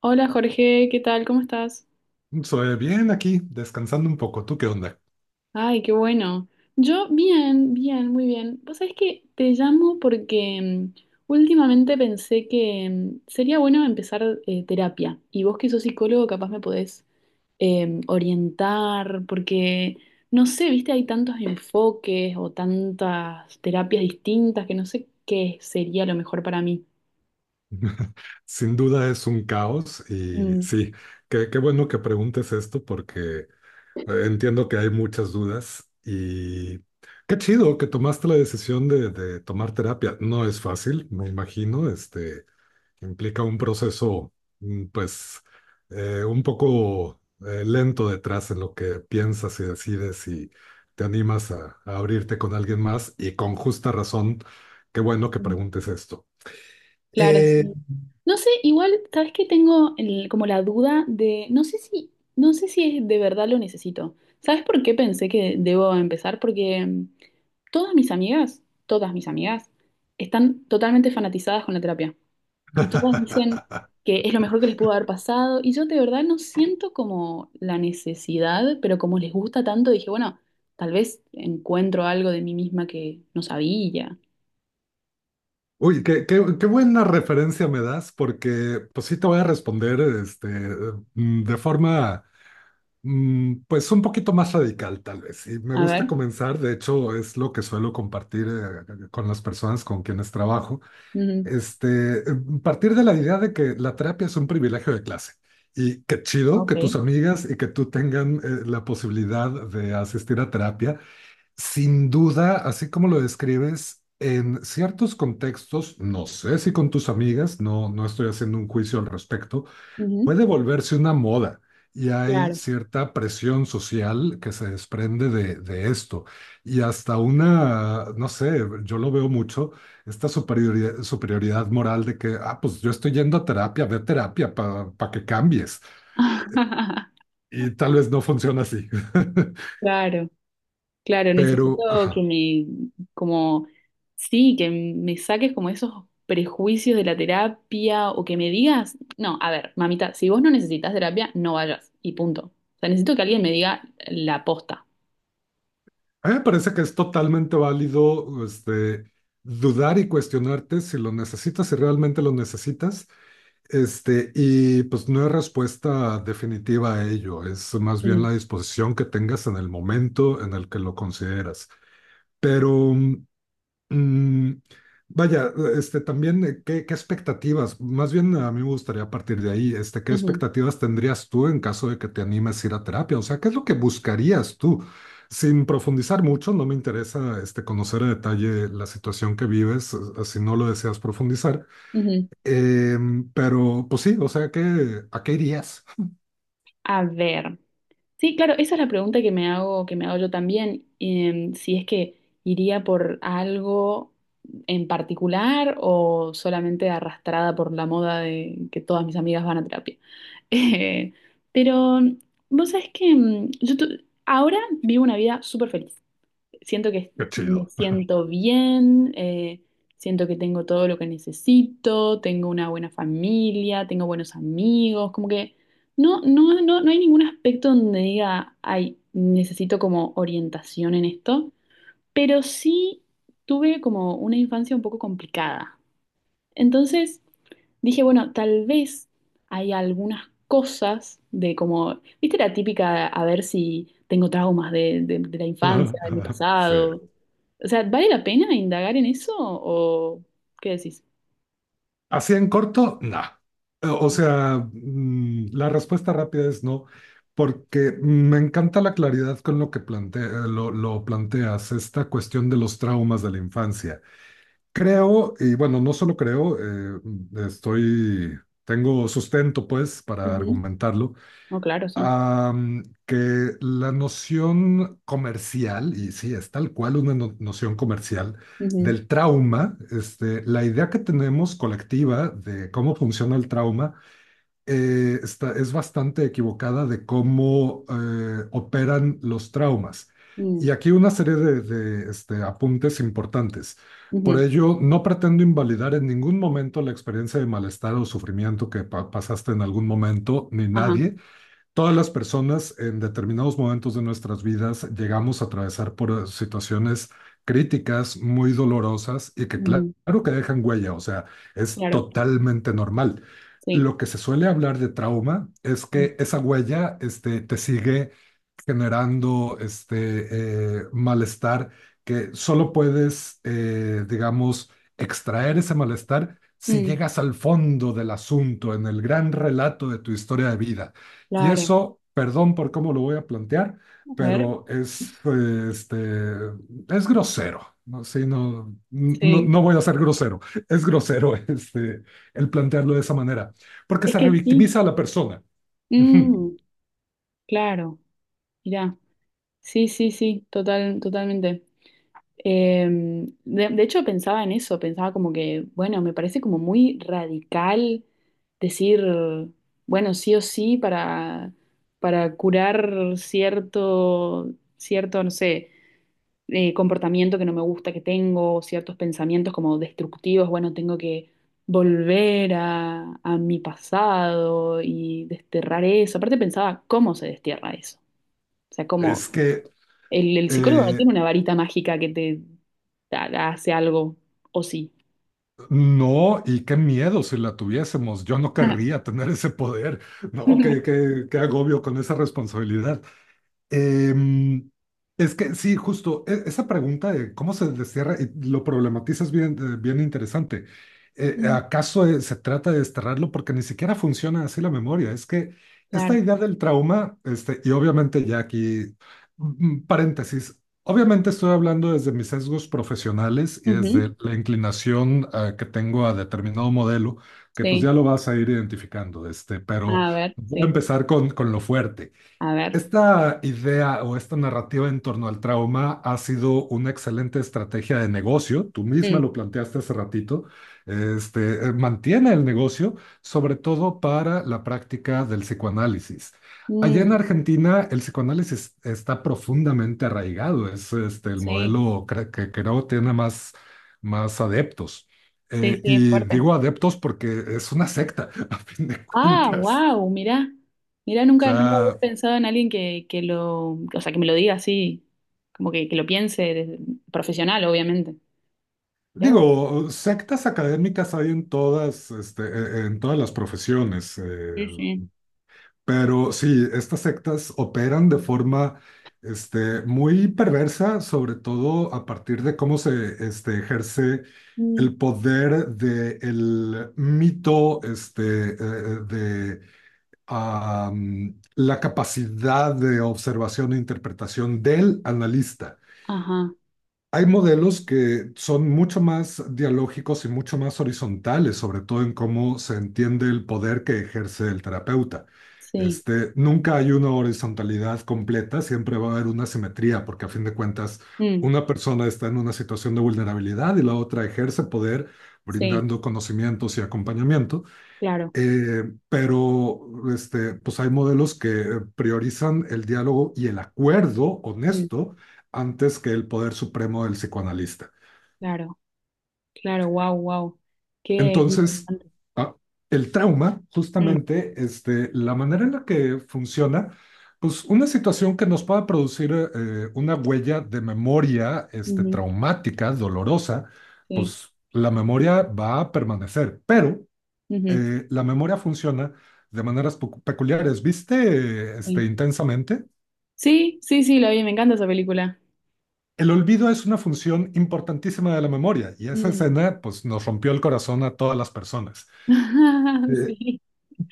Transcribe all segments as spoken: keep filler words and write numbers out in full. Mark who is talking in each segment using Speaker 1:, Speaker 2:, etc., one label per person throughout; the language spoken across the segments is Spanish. Speaker 1: Hola Jorge, ¿qué tal? ¿Cómo estás?
Speaker 2: Soy bien aquí, descansando un poco. ¿Tú qué onda?
Speaker 1: Ay, qué bueno. Yo bien, bien, muy bien. Vos sabés que te llamo porque mm, últimamente pensé que mm, sería bueno empezar eh, terapia y vos que sos psicólogo capaz me podés eh, orientar porque, no sé, viste, hay tantos enfoques o tantas terapias distintas que no sé qué sería lo mejor para mí.
Speaker 2: Sin duda es un caos y
Speaker 1: Mm.
Speaker 2: sí, qué, qué bueno que preguntes esto porque eh, entiendo que hay muchas dudas y qué chido que tomaste la decisión de, de tomar terapia. No es fácil, me imagino, este, implica un proceso, mm, pues, eh, un poco eh, lento detrás en lo que piensas y decides y te animas a, a abrirte con alguien más y con justa razón, qué bueno que preguntes esto.
Speaker 1: Claro, sí.
Speaker 2: Eh,
Speaker 1: No sé, igual, ¿sabes qué? Tengo el- como la duda de, no sé si, no sé si es de verdad lo necesito. ¿Sabes por qué pensé que debo empezar? Porque mm, todas mis amigas, todas mis amigas, están totalmente fanatizadas con la terapia. Y todas dicen que es lo mejor que les pudo haber pasado. Y yo de verdad no siento como la necesidad, pero como les gusta tanto, dije, bueno, tal vez encuentro algo de mí misma que no sabía.
Speaker 2: Uy, qué, qué- qué buena referencia me das, porque pues sí te voy a responder este, mm, de forma mm, pues un poquito más radical tal vez. Y me
Speaker 1: A
Speaker 2: gusta
Speaker 1: ver.
Speaker 2: comenzar, de hecho es lo que suelo compartir eh, con las personas con quienes trabajo.
Speaker 1: Ujú.
Speaker 2: Este, em, partir de la idea de que la terapia es un privilegio de clase y qué chido
Speaker 1: Ok.
Speaker 2: que tus amigas y que tú tengan eh, la posibilidad de asistir a terapia. Sin duda, así como lo describes, en ciertos contextos, no sé si con tus amigas, no, no estoy haciendo un juicio al respecto,
Speaker 1: Ujú.
Speaker 2: puede volverse una moda y hay
Speaker 1: Claro.
Speaker 2: cierta presión social que se desprende de, de esto. Y hasta una, no sé, yo lo veo mucho, esta superioridad, superioridad moral de que, ah, pues yo estoy yendo a terapia, ve a terapia para que cambies. Y tal vez no funciona así.
Speaker 1: Claro, claro,
Speaker 2: Pero,
Speaker 1: necesito que
Speaker 2: ajá,
Speaker 1: me, como, sí, que me saques como esos prejuicios de la terapia o que me digas, no, a ver, mamita, si vos no necesitas terapia, no vayas y punto. O sea, necesito que alguien me diga la posta.
Speaker 2: a mí me parece que es totalmente válido, este, dudar y cuestionarte si lo necesitas, si realmente lo necesitas. Este, y pues no hay respuesta definitiva a ello, es más bien
Speaker 1: Mm,
Speaker 2: la disposición que tengas en el momento en el que lo consideras. Pero, mm, vaya, este, también, eh, ¿qué, qué expectativas? Más bien a mí me gustaría partir de ahí, este, ¿qué
Speaker 1: ujú,
Speaker 2: expectativas tendrías tú en caso de que te animes a ir a terapia? O sea, ¿qué es lo que buscarías tú? Sin profundizar mucho, no me interesa, este, conocer a detalle la situación que vives, eh, si no lo deseas profundizar.
Speaker 1: ujú.
Speaker 2: Em, pero, pues sí, o sea, ¿que a qué irías?
Speaker 1: A ver. Sí, claro, esa es la pregunta que me hago, que me hago yo también, em, si es que iría por algo en particular o solamente arrastrada por la moda de que todas mis amigas van a terapia. Eh, pero vos sabés que mm, yo tu- ahora vivo una vida súper feliz. Siento que
Speaker 2: Qué
Speaker 1: me
Speaker 2: chido.
Speaker 1: siento bien, eh, siento que tengo todo lo que necesito, tengo una buena familia, tengo buenos amigos, como que no, no, no, no hay ningún aspecto donde diga, ay, necesito como orientación en esto, pero sí tuve como una infancia un poco complicada. Entonces dije, bueno, tal vez hay algunas cosas de como, viste la típica, a ver si tengo traumas de, de- de la infancia, de mi
Speaker 2: Sí.
Speaker 1: pasado. O sea, ¿vale la pena indagar en eso o qué decís?
Speaker 2: Así en corto, nah. O sea, mm, la respuesta rápida es no, porque me encanta la claridad con lo que plantea, lo, lo planteas, esta cuestión de los traumas de la infancia. Creo, y bueno, no solo creo, eh, estoy, tengo sustento pues para
Speaker 1: Ujú.
Speaker 2: argumentarlo,
Speaker 1: No, claro, sí.
Speaker 2: am, que la noción comercial, y sí, es tal cual una no- noción comercial
Speaker 1: Ujú.
Speaker 2: del trauma, este, la idea que tenemos colectiva de cómo funciona el trauma eh, está, es bastante equivocada de cómo eh, operan los traumas.
Speaker 1: Mm.
Speaker 2: Y aquí una serie de, de, este, apuntes importantes. Por
Speaker 1: Ujú.
Speaker 2: ello, no pretendo invalidar en ningún momento la experiencia de malestar o sufrimiento que pa- pasaste en algún momento, ni
Speaker 1: Ajá.
Speaker 2: nadie. Todas las personas en determinados momentos de nuestras vidas llegamos a atravesar por situaciones críticas, muy dolorosas y que cla-
Speaker 1: Ujú.
Speaker 2: claro que dejan huella, o sea, es
Speaker 1: Claro,
Speaker 2: totalmente normal.
Speaker 1: sí.
Speaker 2: Lo que se suele hablar de trauma es
Speaker 1: Mm.
Speaker 2: que esa huella, este, te sigue generando este eh, malestar que solo puedes, eh, digamos, extraer ese malestar si
Speaker 1: Mm.
Speaker 2: llegas al fondo del asunto, en el gran relato de tu historia de vida. Y
Speaker 1: Claro.
Speaker 2: eso, perdón por cómo lo voy a plantear,
Speaker 1: A ver.
Speaker 2: pero es, eh, este, es grosero. No, sí, no, no,
Speaker 1: Sí.
Speaker 2: no voy a ser grosero. Es grosero este, el plantearlo de esa manera, porque
Speaker 1: Es
Speaker 2: se
Speaker 1: que sí.
Speaker 2: revictimiza a la persona. Ujú.
Speaker 1: Mm. Claro. Mirá. Sí, sí, sí. Total, totalmente. Em, de, de hecho pensaba en eso, pensaba como que, bueno, me parece como muy radical decir, bueno, sí o sí para, para curar cierto, cierto, no sé, eh, comportamiento que no me gusta que tengo, ciertos pensamientos como destructivos, bueno, tengo que volver a, a mi pasado y desterrar eso. Aparte pensaba, ¿cómo se destierra eso? O sea,
Speaker 2: Es
Speaker 1: ¿cómo?
Speaker 2: que
Speaker 1: El, el psicólogo no tiene
Speaker 2: eh,
Speaker 1: una varita mágica que te ha- hace algo, o sí.
Speaker 2: No, y qué miedo si la tuviésemos. Yo no querría tener ese poder. No, qué, qué, qué agobio con esa responsabilidad. Em, es que sí, justo e- esa pregunta de cómo se destierra, eh, lo problematizas bien, eh, bien interesante. Eh,
Speaker 1: Mm.
Speaker 2: ¿acaso eh, se trata de desterrarlo? Porque ni siquiera funciona así la memoria. Es que esta
Speaker 1: Claro.
Speaker 2: idea del trauma, este, y obviamente ya aquí, mm, mm, paréntesis, obviamente estoy hablando desde mis sesgos profesionales y
Speaker 1: Ujú.
Speaker 2: desde la inclinación, eh, que tengo a determinado modelo, que pues ya
Speaker 1: Sí,
Speaker 2: lo vas a ir identificando, este, pero
Speaker 1: a ver,
Speaker 2: voy a
Speaker 1: sí,
Speaker 2: empezar con, con lo fuerte.
Speaker 1: a ver.
Speaker 2: Esta idea o esta narrativa en torno al trauma ha sido una excelente estrategia de negocio. Tú misma
Speaker 1: Mm.
Speaker 2: lo planteaste hace ratito. Este, eh, mantiene el negocio, sobre todo para la práctica del psicoanálisis. Allá en
Speaker 1: Mm.
Speaker 2: Argentina, el psicoanálisis está profundamente arraigado. Es este, el
Speaker 1: Sí,
Speaker 2: modelo cre- que creo tiene más, más adeptos.
Speaker 1: sí,
Speaker 2: Eh,
Speaker 1: sí, es
Speaker 2: y
Speaker 1: fuerte.
Speaker 2: digo adeptos porque es una secta, a fin de
Speaker 1: Ah,
Speaker 2: cuentas.
Speaker 1: wow, mirá. Mirá,
Speaker 2: O
Speaker 1: nunca, nunca había
Speaker 2: sea,
Speaker 1: pensado en alguien que, que lo, o sea, que me lo diga así, como que, que lo piense desde- profesional, obviamente. Mirá vos.
Speaker 2: digo, sectas académicas hay en todas, este, e- e, en todas las profesiones, eh,
Speaker 1: Sí, sí.
Speaker 2: pero sí, estas sectas operan de forma, este, muy perversa, sobre todo a partir de cómo se, este, ejerce
Speaker 1: Mm.
Speaker 2: el poder del mito, este, eh, de am, la capacidad de observación e interpretación del analista.
Speaker 1: Ajá,
Speaker 2: Hay modelos que son mucho más dialógicos y mucho más horizontales, sobre todo en cómo se entiende el poder que ejerce el terapeuta.
Speaker 1: sí.
Speaker 2: Este, nunca hay una horizontalidad completa, siempre va a haber una simetría, porque a fin de cuentas
Speaker 1: Mm.
Speaker 2: una persona está en una situación de vulnerabilidad y la otra ejerce poder
Speaker 1: Sí,
Speaker 2: brindando conocimientos y acompañamiento.
Speaker 1: claro.
Speaker 2: Eh, pero este, pues hay modelos que priorizan el diálogo y el acuerdo
Speaker 1: Mm.
Speaker 2: honesto antes que el poder supremo del psicoanalista.
Speaker 1: Claro. Claro, wow, wow. Qué qué
Speaker 2: Entonces,
Speaker 1: interesante.
Speaker 2: ah, el trauma,
Speaker 1: Mm,
Speaker 2: justamente, este, la manera en la que funciona, pues una situación que nos pueda producir eh, una huella de memoria este,
Speaker 1: ujú,
Speaker 2: traumática, dolorosa,
Speaker 1: sí,
Speaker 2: pues la memoria va a permanecer, pero
Speaker 1: ujú,
Speaker 2: eh, la memoria funciona de maneras pecu- peculiares. ¿Viste, este,
Speaker 1: sí.
Speaker 2: intensamente?
Speaker 1: Sí, sí, sí, la vi, me encanta esa película.
Speaker 2: El olvido es una función importantísima de la memoria y esa
Speaker 1: Mm.
Speaker 2: escena, pues, nos rompió el corazón a todas las personas. Eh,
Speaker 1: Sí.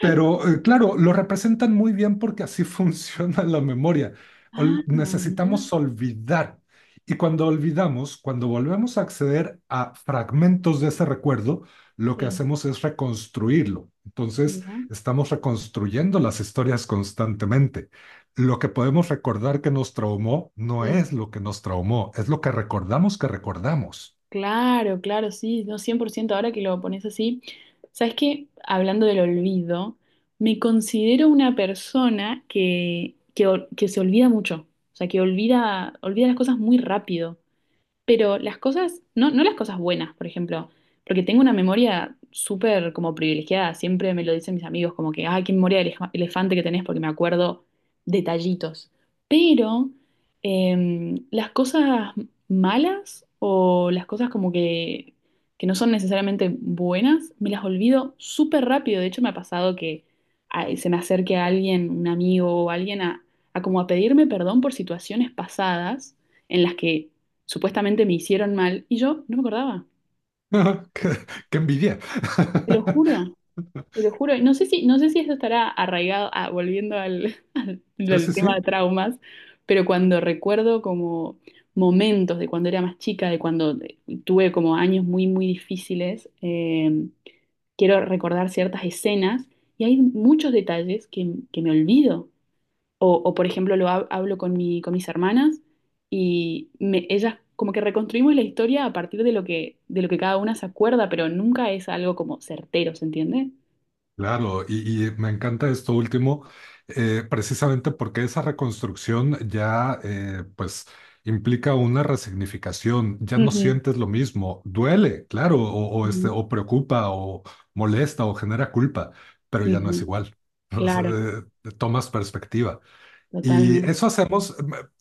Speaker 2: Pero eh, claro, lo representan muy bien porque así funciona la memoria.
Speaker 1: Ah,
Speaker 2: Ol-
Speaker 1: mira,
Speaker 2: necesitamos olvidar. Y cuando olvidamos, cuando volvemos a acceder a fragmentos de ese recuerdo, lo que
Speaker 1: sí,
Speaker 2: hacemos es reconstruirlo. Entonces,
Speaker 1: mira.
Speaker 2: estamos reconstruyendo las historias constantemente. Lo que podemos recordar que nos traumó no
Speaker 1: Mm,
Speaker 2: es lo que nos traumó, es lo que recordamos que recordamos.
Speaker 1: claro, claro, sí, no, cien por ciento. Ahora que lo pones así. ¿Sabes qué? Hablando del olvido, me considero una persona que, que, ol- que se olvida mucho, o sea, que olvida, olvida las cosas muy rápido. Pero las cosas, no, no las cosas buenas, por ejemplo, porque tengo una memoria súper como privilegiada, siempre me lo dicen mis amigos, como que, ay, qué memoria de elef- elefante que tenés, porque me acuerdo detallitos. Pero em, las cosas malas o las cosas como que, que no son necesariamente buenas, me las olvido súper rápido. De hecho, me ha pasado que ay, se me acerque a alguien, un amigo o alguien, a, a como a pedirme perdón por situaciones pasadas en las que supuestamente me hicieron mal y yo no me acordaba.
Speaker 2: qué qué envidia.
Speaker 1: Te lo juro, te lo juro. Y no sé si, no sé si eso estará arraigado, ah, volviendo al, al
Speaker 2: Sí, sí,
Speaker 1: tema
Speaker 2: sí.
Speaker 1: de traumas, pero cuando recuerdo como momentos de cuando era más chica, de cuando eh, tuve como años muy, muy difíciles, eh, quiero recordar ciertas escenas y hay muchos detalles que, que me olvido. O, o, por ejemplo, lo hab- hablo con mi, con mis hermanas y me- ellas como que reconstruimos la historia a partir de lo que, de lo que cada una se acuerda, pero nunca es algo como certero, ¿se entiende?
Speaker 2: Claro, y, y me encanta esto último, eh, precisamente porque esa reconstrucción ya eh, pues implica una resignificación, ya no
Speaker 1: Ujú.
Speaker 2: sientes lo mismo, duele, claro, o, o, este,
Speaker 1: Ujú.
Speaker 2: o preocupa, o molesta, o genera culpa, pero ya no es
Speaker 1: Ujú.
Speaker 2: igual. O sea,
Speaker 1: Claro,
Speaker 2: eh, tomas perspectiva. Y
Speaker 1: totalmente.
Speaker 2: eso hacemos,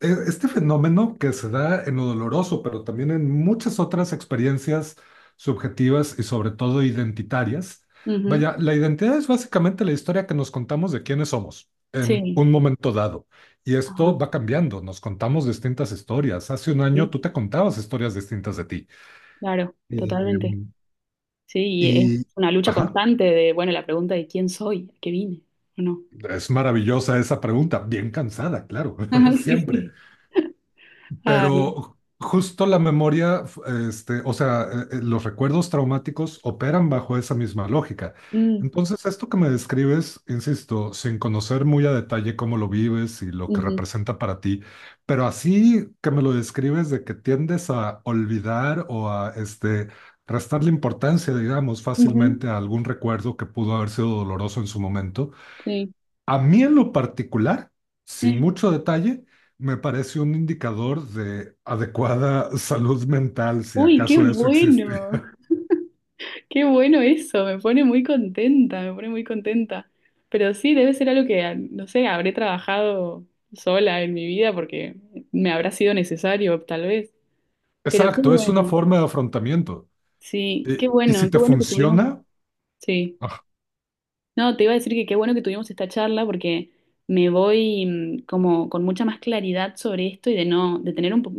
Speaker 2: eh, este fenómeno que se da en lo doloroso, pero también en muchas otras experiencias subjetivas y sobre todo identitarias.
Speaker 1: Ujú.
Speaker 2: Vaya, la identidad es básicamente la historia que nos contamos de quiénes somos en
Speaker 1: Sí,
Speaker 2: un momento dado. Y
Speaker 1: ajá,
Speaker 2: esto va cambiando, nos contamos distintas historias. Hace un
Speaker 1: sí,
Speaker 2: año tú te contabas historias distintas de ti.
Speaker 1: claro,
Speaker 2: Eh,
Speaker 1: totalmente. Sí, y es
Speaker 2: y,
Speaker 1: una lucha
Speaker 2: ajá,
Speaker 1: constante de, bueno, la pregunta de quién soy, a qué vine, o no.
Speaker 2: es maravillosa esa pregunta, bien cansada, claro,
Speaker 1: Ajá, sí,
Speaker 2: siempre.
Speaker 1: sí. Ay,
Speaker 2: Pero justo la memoria, f- este, o sea, eh, eh, los recuerdos traumáticos operan bajo esa misma lógica.
Speaker 1: mm,
Speaker 2: Entonces, esto que me describes, insisto, sin conocer muy a detalle cómo lo vives y lo que
Speaker 1: ujú,
Speaker 2: representa para ti, pero así que me lo describes de que tiendes a olvidar o a este, restarle importancia, digamos,
Speaker 1: ujú,
Speaker 2: fácilmente a algún recuerdo que pudo haber sido doloroso en su momento.
Speaker 1: sí.
Speaker 2: A mí en lo particular, sin
Speaker 1: Eh,
Speaker 2: mucho detalle, me parece un indicador de adecuada salud mental, si
Speaker 1: uy, qué
Speaker 2: acaso eso existe.
Speaker 1: bueno. Qué bueno eso, me pone muy contenta, me pone muy contenta. Pero sí, debe ser algo que, no sé, habré trabajado sola en mi vida porque me habrá sido necesario, tal vez. Pero qué
Speaker 2: Exacto, es una
Speaker 1: bueno,
Speaker 2: forma de afrontamiento.
Speaker 1: sí,
Speaker 2: Y,
Speaker 1: qué
Speaker 2: y
Speaker 1: bueno,
Speaker 2: si
Speaker 1: qué
Speaker 2: te
Speaker 1: bueno que tuvimos,
Speaker 2: funciona,
Speaker 1: sí.
Speaker 2: ah,
Speaker 1: No, te iba a decir que qué bueno que tuvimos esta charla porque me voy mm, como con mucha más claridad sobre esto y de no, de tener un po-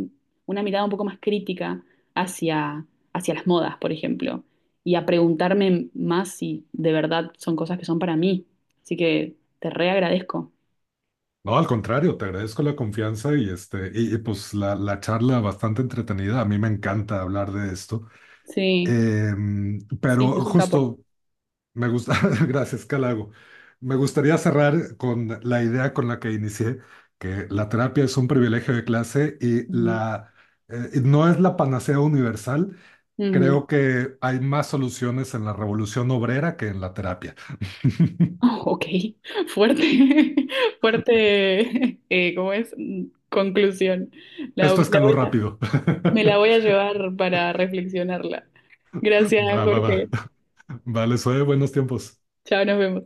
Speaker 1: una mirada un poco más crítica hacia, hacia las modas, por ejemplo, y a preguntarme más si de verdad son cosas que son para mí. Así que te reagradezco.
Speaker 2: no, al contrario, te agradezco la confianza y, este, y, y, pues la, la charla bastante entretenida. A mí me encanta hablar de esto.
Speaker 1: Sí,
Speaker 2: Em,
Speaker 1: sí, es
Speaker 2: pero
Speaker 1: un capo.
Speaker 2: justo Me gusta, gracias, Calago. Me gustaría cerrar con la idea con la que inicié, que la terapia es un privilegio de clase y
Speaker 1: Ujú,
Speaker 2: la, eh, no es la panacea universal.
Speaker 1: ujú.
Speaker 2: Creo que hay más soluciones en la revolución obrera que en la terapia.
Speaker 1: Oh, ok, fuerte, fuerte, eh, ¿cómo es? Mm, conclusión. La, la
Speaker 2: Esto escaló
Speaker 1: voy a-
Speaker 2: rápido.
Speaker 1: Me la voy a llevar para reflexionarla. Gracias,
Speaker 2: Va, va,
Speaker 1: Jorge.
Speaker 2: va. Vale, soy buenos tiempos.
Speaker 1: Chao, nos vemos.